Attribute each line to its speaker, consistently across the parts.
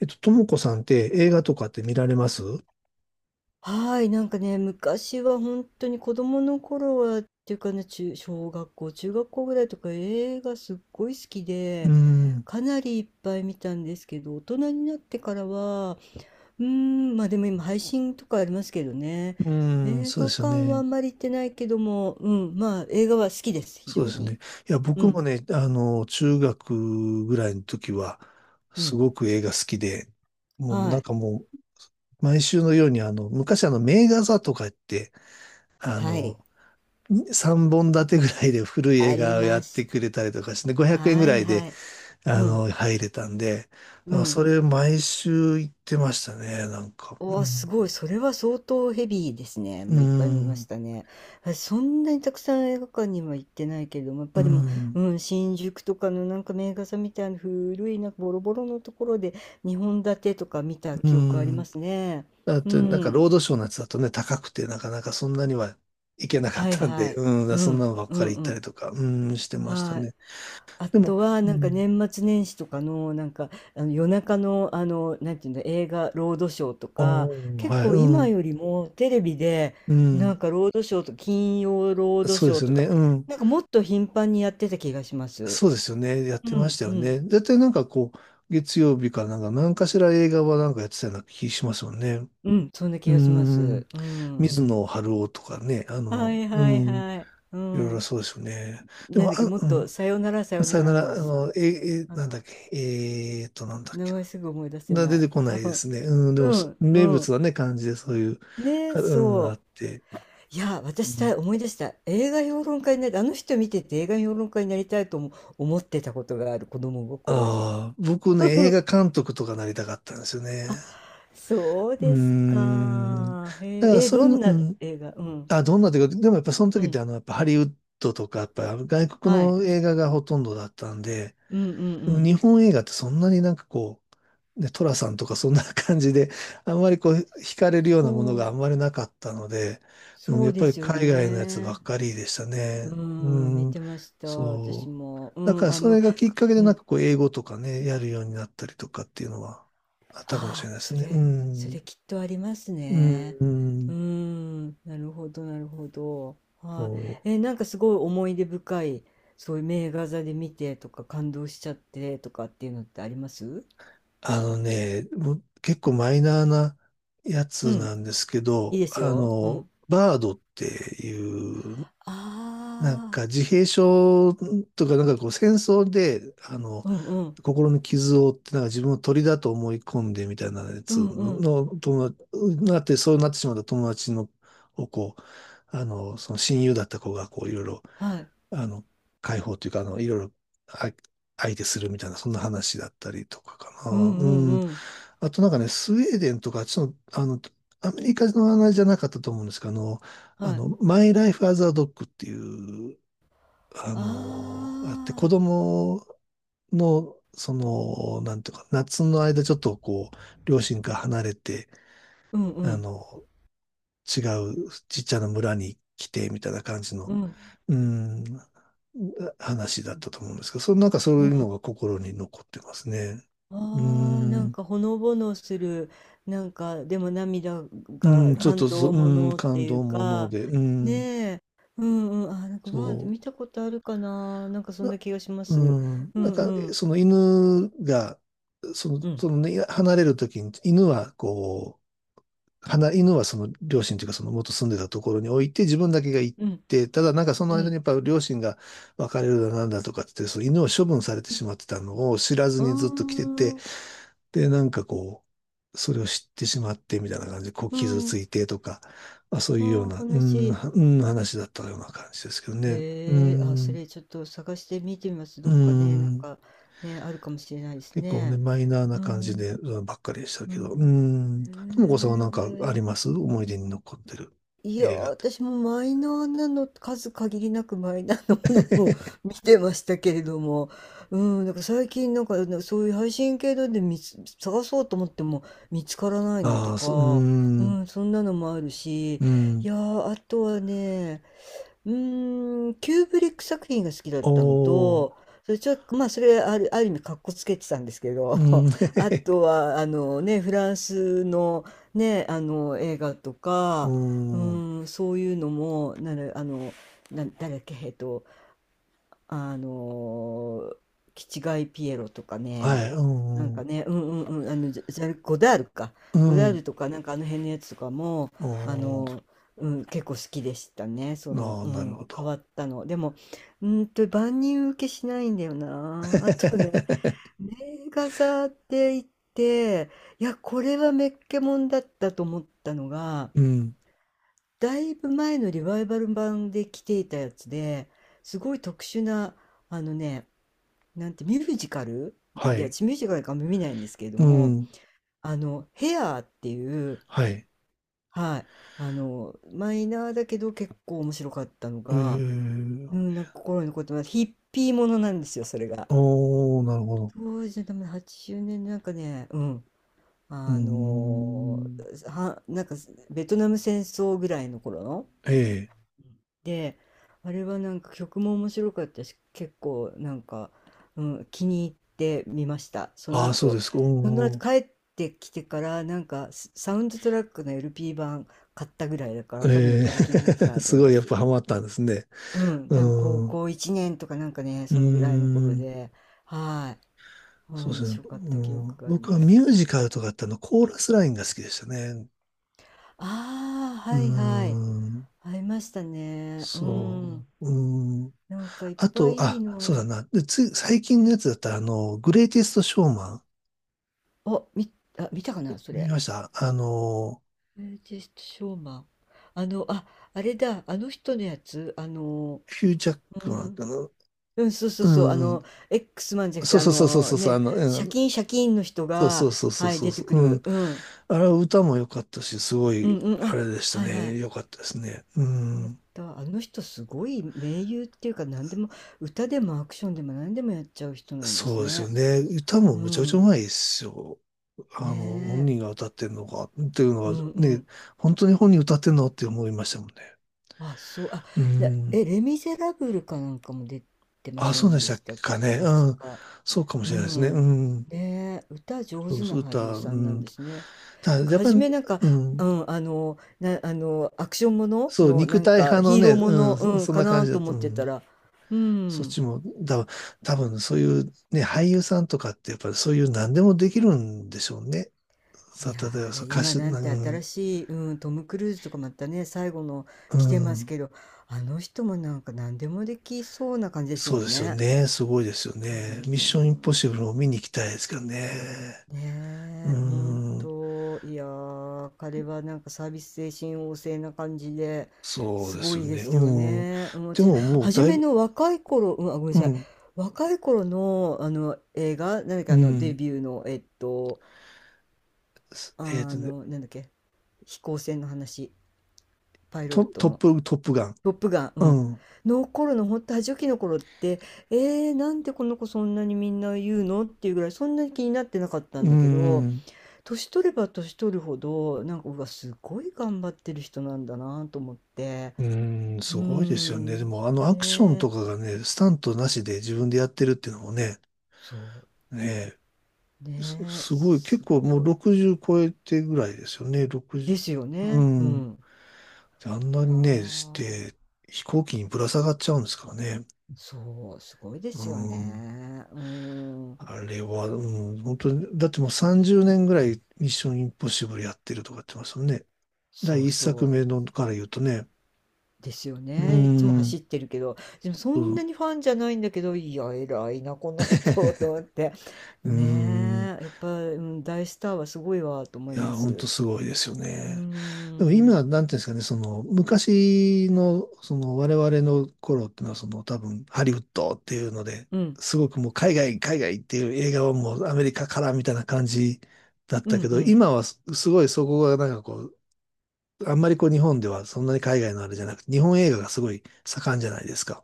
Speaker 1: ともこさんって映画とかって見られます
Speaker 2: はい、なんかね、昔は本当に子供の頃はっていうかね、中小学校、中学校ぐらいとか映画すっごい好き
Speaker 1: ー
Speaker 2: で、
Speaker 1: ん、う
Speaker 2: かなりいっぱい見たんですけど、大人になってからは、ま、あでも今配信とかありますけどね、映
Speaker 1: そう
Speaker 2: 画
Speaker 1: ですよ
Speaker 2: 館はあ
Speaker 1: ね。
Speaker 2: んまり行ってないけども、うん、まあ、映画は好きです、非
Speaker 1: そうで
Speaker 2: 常
Speaker 1: すよね。
Speaker 2: に。
Speaker 1: いや、
Speaker 2: う
Speaker 1: 僕も
Speaker 2: ん、
Speaker 1: ね、中学ぐらいの時は、
Speaker 2: う
Speaker 1: す
Speaker 2: ん。
Speaker 1: ごく映画好きで、もう
Speaker 2: は
Speaker 1: なん
Speaker 2: い。
Speaker 1: かもう、毎週のように、昔名画座とかって、あ
Speaker 2: はい、
Speaker 1: の、3本立てぐらいで古い映
Speaker 2: あり
Speaker 1: 画をや
Speaker 2: ま
Speaker 1: っ
Speaker 2: し
Speaker 1: て
Speaker 2: た。
Speaker 1: くれたりとかして、500円
Speaker 2: は
Speaker 1: ぐら
Speaker 2: い
Speaker 1: い
Speaker 2: は
Speaker 1: で、
Speaker 2: い。うん、
Speaker 1: 入れたんで、
Speaker 2: う
Speaker 1: あ
Speaker 2: ん。
Speaker 1: それ毎週行ってましたね、なんか。
Speaker 2: お
Speaker 1: う
Speaker 2: お、す
Speaker 1: ん。
Speaker 2: ごい。それは相当ヘビーですね。
Speaker 1: う
Speaker 2: も
Speaker 1: ー
Speaker 2: ういっぱい見まし
Speaker 1: ん。
Speaker 2: たね。私そんなにたくさん映画館には行ってないけれども、やっ
Speaker 1: うー
Speaker 2: ぱりも
Speaker 1: ん。
Speaker 2: う、うん、新宿とかのなんか名画座みたいな古いなんかボロボロのところで2本立てとか見た
Speaker 1: う
Speaker 2: 記憶ありま
Speaker 1: ん。
Speaker 2: すね。
Speaker 1: あ
Speaker 2: う
Speaker 1: と、なんか、
Speaker 2: ん。
Speaker 1: ロードショーのやつだとね、高くて、なかなかそんなには行けなかっ
Speaker 2: はい
Speaker 1: たん
Speaker 2: は
Speaker 1: で、
Speaker 2: い。
Speaker 1: う
Speaker 2: う
Speaker 1: ん、そんな
Speaker 2: ん。
Speaker 1: のばっ
Speaker 2: う
Speaker 1: かり
Speaker 2: ん
Speaker 1: 行っ
Speaker 2: う
Speaker 1: たり
Speaker 2: ん。
Speaker 1: とか、してました
Speaker 2: はい。
Speaker 1: ね。
Speaker 2: あ
Speaker 1: でも、
Speaker 2: とは、
Speaker 1: う
Speaker 2: なんか
Speaker 1: ん、
Speaker 2: 年末年始とかの、なんか、あの夜中の、あの、なんていうの、映画、ロードショーとか、
Speaker 1: おー、
Speaker 2: 結
Speaker 1: はい、
Speaker 2: 構
Speaker 1: う
Speaker 2: 今
Speaker 1: ん、
Speaker 2: よりもテレビで、
Speaker 1: う
Speaker 2: な
Speaker 1: ん、
Speaker 2: んかロードショーと、金曜ロード
Speaker 1: そう
Speaker 2: シ
Speaker 1: で
Speaker 2: ョー
Speaker 1: すよ
Speaker 2: と
Speaker 1: ね、
Speaker 2: か、
Speaker 1: うん、
Speaker 2: なんかもっと頻繁にやってた気がします。
Speaker 1: そうですよね、やっ
Speaker 2: う
Speaker 1: てまし
Speaker 2: ん、
Speaker 1: た
Speaker 2: う
Speaker 1: よ
Speaker 2: ん、
Speaker 1: ね。絶対なんかこう、月曜日かなんか、何かしら映画はなんかやってたような気しますよね。
Speaker 2: うん、そんな
Speaker 1: う
Speaker 2: 気がしま
Speaker 1: ん、
Speaker 2: す。うん。
Speaker 1: 水野晴郎とかね、
Speaker 2: はいはい
Speaker 1: い
Speaker 2: はい。う
Speaker 1: ろいろ
Speaker 2: ん。
Speaker 1: そうですよね。で
Speaker 2: なん
Speaker 1: も、
Speaker 2: だ
Speaker 1: あ、
Speaker 2: っけ、もっと、さよならさ
Speaker 1: うん、
Speaker 2: よ
Speaker 1: さ
Speaker 2: な
Speaker 1: よな
Speaker 2: らの
Speaker 1: ら、
Speaker 2: おじさん。あの、
Speaker 1: なんだっけ、なんだっ
Speaker 2: 名
Speaker 1: け
Speaker 2: 前すぐ思い出せ
Speaker 1: な。な
Speaker 2: な
Speaker 1: 出
Speaker 2: い。
Speaker 1: てこないで すね。うん、でも
Speaker 2: う
Speaker 1: そ、
Speaker 2: ん、う
Speaker 1: 名物
Speaker 2: ん。
Speaker 1: はね、感じでそういう、
Speaker 2: ね、
Speaker 1: かうん、
Speaker 2: そ
Speaker 1: あって。
Speaker 2: う。いや、私さ、思い出した。映画評論家になり、あの人見てて映画評論家になりたいとも思ってたことがある、子供心に。
Speaker 1: ああー、僕ね、映 画監督とかなりたかったんですよね。
Speaker 2: あ、そう
Speaker 1: うー
Speaker 2: です
Speaker 1: ん。だ
Speaker 2: か。へ
Speaker 1: から
Speaker 2: え、え、
Speaker 1: そういう
Speaker 2: ど
Speaker 1: の、
Speaker 2: ん
Speaker 1: う
Speaker 2: な
Speaker 1: ん。
Speaker 2: 映画うん。
Speaker 1: あ、どんなというか、でもやっぱその
Speaker 2: う
Speaker 1: 時って
Speaker 2: ん。
Speaker 1: やっぱハリウッドとか、やっぱ外国
Speaker 2: はい。
Speaker 1: の映画がほとんどだったんで、
Speaker 2: うんうんう
Speaker 1: 日
Speaker 2: ん。
Speaker 1: 本映画ってそんなになんかこう、で、トラさんとかそんな感じで、あんまりこう、惹かれるようなものがあ
Speaker 2: そう、
Speaker 1: んまりなかったので、うん、
Speaker 2: そ
Speaker 1: や
Speaker 2: う
Speaker 1: っぱ
Speaker 2: で
Speaker 1: り
Speaker 2: すよ
Speaker 1: 海外のやつば
Speaker 2: ね。
Speaker 1: っかりでした
Speaker 2: う
Speaker 1: ね。
Speaker 2: ん、見
Speaker 1: うん、
Speaker 2: てました、私
Speaker 1: そう。
Speaker 2: も。う
Speaker 1: だか
Speaker 2: ん、
Speaker 1: ら
Speaker 2: あ
Speaker 1: そ
Speaker 2: の、
Speaker 1: れがきっかけで
Speaker 2: う
Speaker 1: なん
Speaker 2: ん、
Speaker 1: かこう、英語とかね、やるようになったりとかっていうのはあったかもし
Speaker 2: あ
Speaker 1: れ
Speaker 2: あ、
Speaker 1: ないです
Speaker 2: そ
Speaker 1: ね。う
Speaker 2: れ、それ
Speaker 1: ん、
Speaker 2: きっとあります
Speaker 1: うん、
Speaker 2: ね。
Speaker 1: うん
Speaker 2: なるほど、なるほど。は
Speaker 1: そ
Speaker 2: い。え、
Speaker 1: う
Speaker 2: なんかすごい思い出深い、そういう名画座で見てとか感動しちゃってとかっていうのってあります
Speaker 1: もう結構マイナーなや
Speaker 2: う
Speaker 1: つ
Speaker 2: ん、
Speaker 1: なんですけ
Speaker 2: いい
Speaker 1: ど、
Speaker 2: ですよ。うん。
Speaker 1: バードっていう
Speaker 2: あ
Speaker 1: なん
Speaker 2: あ、
Speaker 1: か自閉症とか、なんかこう戦争で、
Speaker 2: うんうん、
Speaker 1: 心の傷を負って、なんか自分を鳥だと思い込んでみたいなや
Speaker 2: う
Speaker 1: つ
Speaker 2: んう
Speaker 1: の、
Speaker 2: ん、
Speaker 1: の友達、なって、そうなってしまった友達の、をこう、その親友だった子がこういろいろ、
Speaker 2: はい。
Speaker 1: あの、解放というか、あの、いろいろ、あ、相手するみたいな、そんな話だったりとかか
Speaker 2: うん
Speaker 1: な。
Speaker 2: うん
Speaker 1: うん。
Speaker 2: うん、
Speaker 1: あとなんかね、スウェーデンとか、ちょっと、アメリカの話じゃなかったと思うんですけど、
Speaker 2: はい。
Speaker 1: マイ・ライフ・アザー・ドッグっていうあ
Speaker 2: あ
Speaker 1: のあって、子
Speaker 2: あ、
Speaker 1: 供の、その、なんていうか、夏の間ちょっとこう、両親から離れて、
Speaker 2: うんう
Speaker 1: あ
Speaker 2: ん、
Speaker 1: の、違うちっちゃな村に来て、みたいな感じ
Speaker 2: う
Speaker 1: の、
Speaker 2: ん
Speaker 1: うん、話だったと思うんですけど、そのなんかそう
Speaker 2: う
Speaker 1: い
Speaker 2: ん。
Speaker 1: うのが心に残ってますね。う
Speaker 2: ああ、なん
Speaker 1: ん、
Speaker 2: かほのぼのする、なんかでも涙
Speaker 1: うん、
Speaker 2: が
Speaker 1: ちょっ
Speaker 2: 感
Speaker 1: とそ、
Speaker 2: 動も
Speaker 1: うん、
Speaker 2: のって
Speaker 1: 感
Speaker 2: い
Speaker 1: 動
Speaker 2: う
Speaker 1: もの
Speaker 2: か、
Speaker 1: で、う
Speaker 2: ね
Speaker 1: ん、
Speaker 2: え、うんうん、あ、なんかわーって
Speaker 1: そ
Speaker 2: 見たことあるかな、なんかそん
Speaker 1: う。
Speaker 2: な気がします。
Speaker 1: うん、
Speaker 2: う
Speaker 1: なん
Speaker 2: ん
Speaker 1: か、
Speaker 2: うん
Speaker 1: その犬が、
Speaker 2: うん
Speaker 1: そのね、離れるときに、犬はこう、離犬はその両親というか、その元住んでたところに置いて、自分だけが行っ
Speaker 2: うん
Speaker 1: て、ただなんかその
Speaker 2: う
Speaker 1: 間
Speaker 2: ん
Speaker 1: にやっぱ両親が別れるだなんだとかってその犬を処分されて
Speaker 2: う
Speaker 1: しまってたのを知らず
Speaker 2: あ
Speaker 1: にずっと来てて、
Speaker 2: ー
Speaker 1: で、なんかこう、それを知ってしまってみたいな感じで、こう
Speaker 2: う
Speaker 1: 傷つ
Speaker 2: ん
Speaker 1: いてとか、まあ、そう
Speaker 2: あ
Speaker 1: いうような、
Speaker 2: ー
Speaker 1: う
Speaker 2: 悲
Speaker 1: ん、
Speaker 2: しい。
Speaker 1: うん、話だったような感じですけどね。う
Speaker 2: へえ、あ、そ
Speaker 1: ん、
Speaker 2: れちょっと探して見てみます。
Speaker 1: う
Speaker 2: どっかね、なん
Speaker 1: ん。
Speaker 2: かね、あるかもしれないです
Speaker 1: 結構ね、
Speaker 2: ね。
Speaker 1: マイナーな
Speaker 2: う
Speaker 1: 感じ
Speaker 2: ん
Speaker 1: で、うんばっかりでした
Speaker 2: う
Speaker 1: けど。うー
Speaker 2: ん
Speaker 1: ん。ともこさ
Speaker 2: へ
Speaker 1: んはなんかありま
Speaker 2: え。
Speaker 1: す思い出に残ってる
Speaker 2: いやー、
Speaker 1: 映画って。
Speaker 2: 私もマイナーなの、数限りなくマイナーなものを 見てましたけれども、うん、なんか最近なんかあのそういう配信系ので見つ、探そうと思っても見つからないのと
Speaker 1: ああ、そう、う
Speaker 2: か、う
Speaker 1: ーん。
Speaker 2: ん、そんなのもあるし、
Speaker 1: う
Speaker 2: い
Speaker 1: ん。
Speaker 2: やー、あとはね、キューブリック作品が好きだったの
Speaker 1: おー。
Speaker 2: と、それちょっと、まあ、それある、ある意味かっこつけてたんですけど、
Speaker 1: うん。へ へ
Speaker 2: あ
Speaker 1: へ。
Speaker 2: とは、あのね、フランスのね、あの映画と
Speaker 1: う
Speaker 2: か、
Speaker 1: ーん。
Speaker 2: そういうのも、なるあの、な、誰だっけ、あのー、キチガイピエロとか
Speaker 1: は
Speaker 2: ね、
Speaker 1: い。う
Speaker 2: なんか
Speaker 1: ん。
Speaker 2: ね、うんうんうん、あの、ジャ、ジャルゴダールか、
Speaker 1: う
Speaker 2: ゴダー
Speaker 1: ん。
Speaker 2: ルとか、なんかあの辺のやつとかも、あの
Speaker 1: お
Speaker 2: ー、うん、結構好きでしたね、そ
Speaker 1: ー。
Speaker 2: の、
Speaker 1: ああ、
Speaker 2: う
Speaker 1: なるほ
Speaker 2: ん、変
Speaker 1: ど。
Speaker 2: わったの。でも、うーんと、万人受けしないんだよ
Speaker 1: へへ
Speaker 2: な。あとね、
Speaker 1: へへ
Speaker 2: 名画座って言って、いや、これはメッケモンだったと思ったのが、
Speaker 1: うん。
Speaker 2: だいぶ前のリバイバル版で来ていたやつですごい特殊なあのねなんてミュージカル
Speaker 1: は
Speaker 2: で
Speaker 1: い。
Speaker 2: 私ミュージカルかんま見ないんですけれど
Speaker 1: う
Speaker 2: も
Speaker 1: ん。
Speaker 2: あのヘアーっていう
Speaker 1: はい。え
Speaker 2: はいあのマイナーだけど結構面白かったのが、
Speaker 1: ー。
Speaker 2: うん、なんか心に残ってますヒッピーものなんですよそれが。
Speaker 1: おー、なるほど。
Speaker 2: 当時の多分80年なんかねうん
Speaker 1: うー
Speaker 2: あの
Speaker 1: ん。
Speaker 2: ーはなんかベトナム戦争ぐらいの頃の。
Speaker 1: ええ。
Speaker 2: で、あれはなんか曲も面白かったし、結構なんか、うん、気に入ってみました。その
Speaker 1: ああ、そう
Speaker 2: 後、
Speaker 1: ですか。
Speaker 2: その後
Speaker 1: おー。
Speaker 2: 帰ってきてから、なんかスサウンドトラックの LP 版買ったぐらいだから、多分よっ
Speaker 1: え
Speaker 2: ぽど気に入ってた
Speaker 1: ー
Speaker 2: なと
Speaker 1: す
Speaker 2: 思い
Speaker 1: ご
Speaker 2: ま
Speaker 1: いやっ
Speaker 2: す。
Speaker 1: ぱハマったんですね。
Speaker 2: うん、
Speaker 1: う
Speaker 2: 多分高
Speaker 1: ん。う
Speaker 2: 校1年とかなんかね、
Speaker 1: ー
Speaker 2: そのぐらいの頃
Speaker 1: ん。
Speaker 2: で、はい、うん、
Speaker 1: そうで
Speaker 2: 面
Speaker 1: すね。
Speaker 2: 白かっ
Speaker 1: う
Speaker 2: た記
Speaker 1: ん、
Speaker 2: 憶があり
Speaker 1: 僕は
Speaker 2: ま
Speaker 1: ミ
Speaker 2: す。
Speaker 1: ュージカルとかってあのコーラスラインが好きでしたね。
Speaker 2: ああ、
Speaker 1: う
Speaker 2: はい
Speaker 1: ー
Speaker 2: はい。
Speaker 1: ん。
Speaker 2: ありましたね。う
Speaker 1: そ
Speaker 2: ん。
Speaker 1: う。うーん。
Speaker 2: なんかいっ
Speaker 1: あ
Speaker 2: ぱ
Speaker 1: と、
Speaker 2: いいい
Speaker 1: あ、
Speaker 2: のあ
Speaker 1: そう
Speaker 2: る。
Speaker 1: だな。で、最近のやつだったら、グレイテストショーマン。
Speaker 2: あ、み、あ、見たかな、そ
Speaker 1: 見
Speaker 2: れ。
Speaker 1: ました
Speaker 2: ブリティッシュショーマン。あの、あ、あれだ、あの人のやつ、あの、
Speaker 1: ヒュージャッ
Speaker 2: う
Speaker 1: クマン
Speaker 2: ん、
Speaker 1: かな。
Speaker 2: うん、そうそう
Speaker 1: う
Speaker 2: そう、あ
Speaker 1: んうん。
Speaker 2: の、X マンじゃなく
Speaker 1: そ
Speaker 2: て、
Speaker 1: う
Speaker 2: あ
Speaker 1: そうそうそう
Speaker 2: の
Speaker 1: そうそう。あ
Speaker 2: ね、
Speaker 1: の、う
Speaker 2: シャ
Speaker 1: ん、
Speaker 2: キンシャキンの人
Speaker 1: そうそ
Speaker 2: が、
Speaker 1: うそうそう
Speaker 2: はい、
Speaker 1: そう
Speaker 2: 出て
Speaker 1: そう。
Speaker 2: く
Speaker 1: う
Speaker 2: る。
Speaker 1: ん
Speaker 2: うん、
Speaker 1: あれは歌も良かったし、すご
Speaker 2: うん、
Speaker 1: い、
Speaker 2: うん、
Speaker 1: あ
Speaker 2: あ、
Speaker 1: れでした
Speaker 2: はいはい。よ
Speaker 1: ね。良かったですね。う
Speaker 2: かっ
Speaker 1: ん。
Speaker 2: た。あの人すごい名優っていうか、何でも、歌でもアクションでも何でもやっちゃう人なんで
Speaker 1: そ
Speaker 2: す
Speaker 1: うですよ
Speaker 2: ね。
Speaker 1: ね。歌
Speaker 2: う
Speaker 1: もむちゃくちゃう
Speaker 2: ん、
Speaker 1: まいですよ。
Speaker 2: ね
Speaker 1: 本
Speaker 2: え、
Speaker 1: 人が歌ってんのか、っていうの
Speaker 2: う
Speaker 1: は
Speaker 2: んう
Speaker 1: ね、
Speaker 2: ん。
Speaker 1: 本当に本人歌ってんのって思いましたもんね。
Speaker 2: あ、そう、あ、
Speaker 1: う
Speaker 2: で
Speaker 1: ん。
Speaker 2: え、レ・ミゼラブルかなんかも出てま
Speaker 1: あ、
Speaker 2: せ
Speaker 1: そう
Speaker 2: ん
Speaker 1: でし
Speaker 2: で
Speaker 1: た
Speaker 2: したっ
Speaker 1: か
Speaker 2: け、
Speaker 1: ね。
Speaker 2: 確
Speaker 1: うん。
Speaker 2: か。
Speaker 1: そうかもし
Speaker 2: う
Speaker 1: れないですね。う
Speaker 2: ん。
Speaker 1: ん。
Speaker 2: ねえ、歌上
Speaker 1: そ
Speaker 2: 手
Speaker 1: うそ
Speaker 2: な
Speaker 1: う、歌、
Speaker 2: 俳優さ
Speaker 1: う
Speaker 2: んなん
Speaker 1: ん。
Speaker 2: ですね。
Speaker 1: ただ、
Speaker 2: なんか
Speaker 1: やっぱ
Speaker 2: 初
Speaker 1: り、
Speaker 2: めなんか、
Speaker 1: う
Speaker 2: う
Speaker 1: ん。
Speaker 2: ん、あの、な、あの、アクションもの
Speaker 1: そう、
Speaker 2: の、
Speaker 1: 肉
Speaker 2: なん
Speaker 1: 体
Speaker 2: か
Speaker 1: 派の
Speaker 2: ヒー
Speaker 1: ね、
Speaker 2: ローもの、うん、
Speaker 1: そん
Speaker 2: か
Speaker 1: な感
Speaker 2: な
Speaker 1: じだ
Speaker 2: と
Speaker 1: った。
Speaker 2: 思
Speaker 1: う
Speaker 2: ってた
Speaker 1: ん。
Speaker 2: ら、う
Speaker 1: そっ
Speaker 2: ん。
Speaker 1: ちも、だ、多分そういうね、俳優さんとかってやっぱりそういう何でもできるんでしょうね。
Speaker 2: いや
Speaker 1: 例えば
Speaker 2: ー、
Speaker 1: そ
Speaker 2: で
Speaker 1: う歌
Speaker 2: 今
Speaker 1: 手、
Speaker 2: なんて
Speaker 1: う
Speaker 2: 新
Speaker 1: ん、
Speaker 2: しい、うん、トム・クルーズとかまたね、最後の
Speaker 1: う
Speaker 2: 来てます
Speaker 1: ん、
Speaker 2: けど、あの人もなんか何でもできそうな感じです
Speaker 1: そ
Speaker 2: も
Speaker 1: うで
Speaker 2: ん
Speaker 1: すよ
Speaker 2: ね。
Speaker 1: ね。すごいですよ
Speaker 2: う
Speaker 1: ね。ミッションインポッシブ
Speaker 2: ん。
Speaker 1: ルを見に行きたいですけどね。う
Speaker 2: ねえ、ほん
Speaker 1: ん、
Speaker 2: と、いやー、彼はなんかサービス精神旺盛な感じで、
Speaker 1: そう
Speaker 2: す
Speaker 1: で
Speaker 2: ご
Speaker 1: すよ
Speaker 2: いで
Speaker 1: ね。
Speaker 2: すよ
Speaker 1: うん。
Speaker 2: ね。うん、
Speaker 1: で
Speaker 2: 私、
Speaker 1: ももう
Speaker 2: 初
Speaker 1: だい
Speaker 2: め
Speaker 1: ぶ、
Speaker 2: の若い頃、うん、あ、ごめんな
Speaker 1: う
Speaker 2: さい、
Speaker 1: ん、
Speaker 2: 若い頃の、あの映画、なんだっけ、
Speaker 1: う
Speaker 2: あのデ
Speaker 1: ん。
Speaker 2: ビューの、
Speaker 1: えっ
Speaker 2: あ
Speaker 1: とね、
Speaker 2: の、なんだっけ、飛行船の話、パイロットの、
Speaker 1: トップガン。
Speaker 2: トップガン、う
Speaker 1: う
Speaker 2: ん、
Speaker 1: ん、
Speaker 2: の頃の、ほんと、初期の頃って、えー、なんでこの子そんなにみんな言うのっていうぐらい、そんなに気になってなかったん
Speaker 1: う
Speaker 2: だけど、
Speaker 1: ん。
Speaker 2: 年取れば年取るほど、なんか、うわ、すごい頑張ってる人なんだなと思って。
Speaker 1: うん、
Speaker 2: う
Speaker 1: す
Speaker 2: ー
Speaker 1: ごいですよね。
Speaker 2: ん。
Speaker 1: でも、あのア
Speaker 2: ね
Speaker 1: クション
Speaker 2: え。
Speaker 1: とかがね、スタントなしで自分でやってるっていうのもね、
Speaker 2: そ
Speaker 1: ね
Speaker 2: う。ねえ。
Speaker 1: すごい、結
Speaker 2: す
Speaker 1: 構もう
Speaker 2: ごい。
Speaker 1: 60超えてぐらいですよね、
Speaker 2: ですよ
Speaker 1: 60、う
Speaker 2: ね。う
Speaker 1: ん。で
Speaker 2: ん。
Speaker 1: あん
Speaker 2: い
Speaker 1: な
Speaker 2: や
Speaker 1: にね、し
Speaker 2: ー、
Speaker 1: て、飛行機にぶら下がっちゃうんですからね。
Speaker 2: そう、すごいで
Speaker 1: う
Speaker 2: すよ
Speaker 1: ん。
Speaker 2: ね。ん。
Speaker 1: あれは、うん、本当に、だってもう30年ぐらいミッションインポッシブルやってるとか言ってますよね。
Speaker 2: そ
Speaker 1: 第
Speaker 2: う
Speaker 1: 一
Speaker 2: そ
Speaker 1: 作
Speaker 2: う。
Speaker 1: 目のから言うとね。
Speaker 2: ですよ
Speaker 1: う
Speaker 2: ね。いつも
Speaker 1: ん。
Speaker 2: 走ってるけど、でもそ
Speaker 1: う
Speaker 2: んな
Speaker 1: ん。
Speaker 2: にファンじゃないんだけど、いや、偉いな、この人と思 って。
Speaker 1: うん
Speaker 2: ねえ、やっぱ、うん、大スターはすごいわと思い
Speaker 1: いや、
Speaker 2: ま
Speaker 1: ほんと
Speaker 2: す。
Speaker 1: すごいですよ
Speaker 2: うー
Speaker 1: ね。でも
Speaker 2: ん。
Speaker 1: 今、なんていうんですかね、その、昔の、その、我々の頃っていうのは、その、多分、ハリウッドっていうので、
Speaker 2: うん。
Speaker 1: すごくもう、海外っていう映画はもう、アメリカからみたいな感じだっ
Speaker 2: う
Speaker 1: た
Speaker 2: ん
Speaker 1: け
Speaker 2: う
Speaker 1: ど、
Speaker 2: ん。
Speaker 1: 今はす、すごいそこが、なんかこう、あんまりこう、日本ではそんなに海外のあれじゃなくて、日本映画がすごい盛んじゃないですか。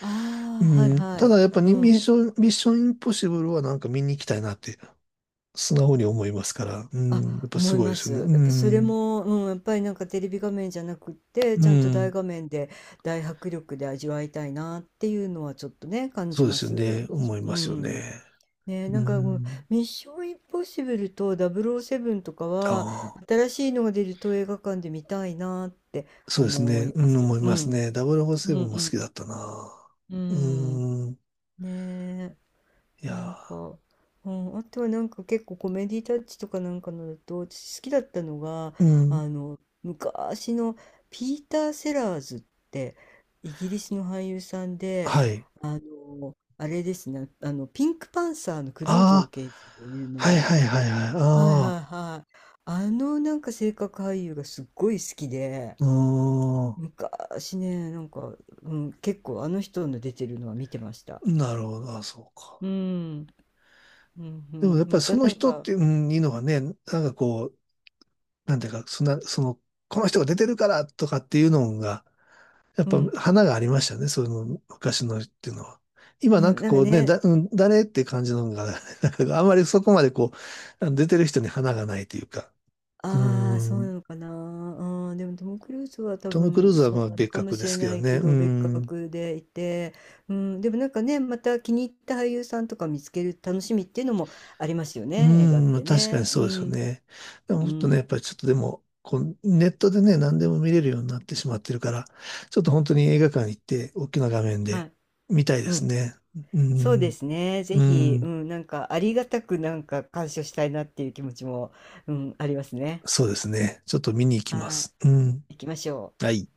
Speaker 2: ああ、はい
Speaker 1: うん、
Speaker 2: は
Speaker 1: た
Speaker 2: い。
Speaker 1: だ、やっぱ
Speaker 2: う
Speaker 1: に、ミ
Speaker 2: ん。
Speaker 1: ッション、ミッションインポッシブルはなんか見に行きたいなって、素直に思いますから、う
Speaker 2: あ、
Speaker 1: ん、やっぱ
Speaker 2: 思
Speaker 1: す
Speaker 2: い
Speaker 1: ごいで
Speaker 2: ま
Speaker 1: すよね。
Speaker 2: す。
Speaker 1: う
Speaker 2: やっぱそれ
Speaker 1: ん。
Speaker 2: も、うん、やっぱりなんかテレビ画面じゃなくって、
Speaker 1: う
Speaker 2: ちゃんと大
Speaker 1: ん。
Speaker 2: 画面で大迫力で味わいたいなっていうのはちょっとね、感
Speaker 1: そ
Speaker 2: じ
Speaker 1: うで
Speaker 2: ま
Speaker 1: すよ
Speaker 2: す。
Speaker 1: ね。
Speaker 2: 私
Speaker 1: 思
Speaker 2: も
Speaker 1: い
Speaker 2: う
Speaker 1: ますよ
Speaker 2: ん。
Speaker 1: ね。
Speaker 2: ね、
Speaker 1: う
Speaker 2: なんかもう
Speaker 1: ん。
Speaker 2: ミッションインポッシブルと007とか
Speaker 1: あ
Speaker 2: は、
Speaker 1: あ、
Speaker 2: 新しいのが出ると映画館で見たいなって
Speaker 1: そうです
Speaker 2: 思
Speaker 1: ね。
Speaker 2: い
Speaker 1: う
Speaker 2: ま
Speaker 1: ん、
Speaker 2: す。
Speaker 1: 思い
Speaker 2: う
Speaker 1: ます
Speaker 2: ん。
Speaker 1: ね。ダブルフォー
Speaker 2: う
Speaker 1: セ
Speaker 2: んう
Speaker 1: ブンも好きだ
Speaker 2: ん
Speaker 1: ったな。
Speaker 2: う
Speaker 1: う
Speaker 2: ん。うん。
Speaker 1: ん。
Speaker 2: ね
Speaker 1: い
Speaker 2: なん
Speaker 1: や
Speaker 2: か、うん、あとはなんか結構コメディタッチとかなんかのだと私好きだったのが
Speaker 1: ー、うん。
Speaker 2: あの昔のピーター・セラーズってイギリスの俳優さんで
Speaker 1: はい。
Speaker 2: あのあれですねあのピンクパンサーのクルーゾー
Speaker 1: あ
Speaker 2: 刑事で有名
Speaker 1: あ、はい
Speaker 2: な
Speaker 1: はいはいはい。
Speaker 2: はいは
Speaker 1: あ
Speaker 2: いはいあのなんか性格俳優がすっごい好きで
Speaker 1: あ、うー
Speaker 2: 昔ねなんか、うん、結構あの人の出てるのは見てました。
Speaker 1: ん。なるほど。あ、そうか。
Speaker 2: うん、うんう
Speaker 1: でも
Speaker 2: ん、
Speaker 1: やっぱ
Speaker 2: ま
Speaker 1: り
Speaker 2: た
Speaker 1: その
Speaker 2: なん
Speaker 1: 人っ
Speaker 2: か
Speaker 1: て、うん、いいのがね、なんかこう、なんていうか、そんな、その、この人が出てるからとかっていうのが、やっ
Speaker 2: う
Speaker 1: ぱ
Speaker 2: ん。
Speaker 1: 花がありましたね、そういうの、昔のっていうのは。今
Speaker 2: う
Speaker 1: なん
Speaker 2: ん、
Speaker 1: か
Speaker 2: なんか
Speaker 1: こうね、
Speaker 2: ね、
Speaker 1: だ、うん、誰って感じのが、なんかあんまりそこまでこう、あの出てる人に花がないというか。う
Speaker 2: ああ、そうな
Speaker 1: ん。
Speaker 2: のかな。うん、でもトム・クルーズは多
Speaker 1: トム・クルー
Speaker 2: 分
Speaker 1: ズは
Speaker 2: そ
Speaker 1: ま
Speaker 2: う
Speaker 1: あ
Speaker 2: なの
Speaker 1: 別
Speaker 2: かも
Speaker 1: 格
Speaker 2: し
Speaker 1: です
Speaker 2: れ
Speaker 1: け
Speaker 2: な
Speaker 1: ど
Speaker 2: い
Speaker 1: ね。
Speaker 2: け
Speaker 1: う
Speaker 2: ど、別
Speaker 1: ん。
Speaker 2: 格でいて、うん、でもなんかね、また気に入った俳優さんとか見つける楽しみっていうのもありますよ
Speaker 1: う
Speaker 2: ね、映画っ
Speaker 1: ん、まあ
Speaker 2: て
Speaker 1: 確かに
Speaker 2: ね。う
Speaker 1: そうですよ
Speaker 2: ん、
Speaker 1: ね。でも
Speaker 2: う
Speaker 1: もっとね、やっ
Speaker 2: ん、
Speaker 1: ぱりちょっとでも、こう、ネットでね、何でも見れるようになってしまってるから、ちょっと本当に映画館行って、大きな画面
Speaker 2: は
Speaker 1: で
Speaker 2: い、
Speaker 1: 見たいで
Speaker 2: う
Speaker 1: す
Speaker 2: ん。
Speaker 1: ね。う
Speaker 2: そうで
Speaker 1: ん。
Speaker 2: すね、ぜ
Speaker 1: う
Speaker 2: ひ、う
Speaker 1: ん。
Speaker 2: ん、なんかありがたくなんか鑑賞したいなっていう気持ちも、うん、ありますね。
Speaker 1: そうですね。ちょっと見に行きま
Speaker 2: は
Speaker 1: す。うん。
Speaker 2: い、行きましょ
Speaker 1: は
Speaker 2: う。
Speaker 1: い。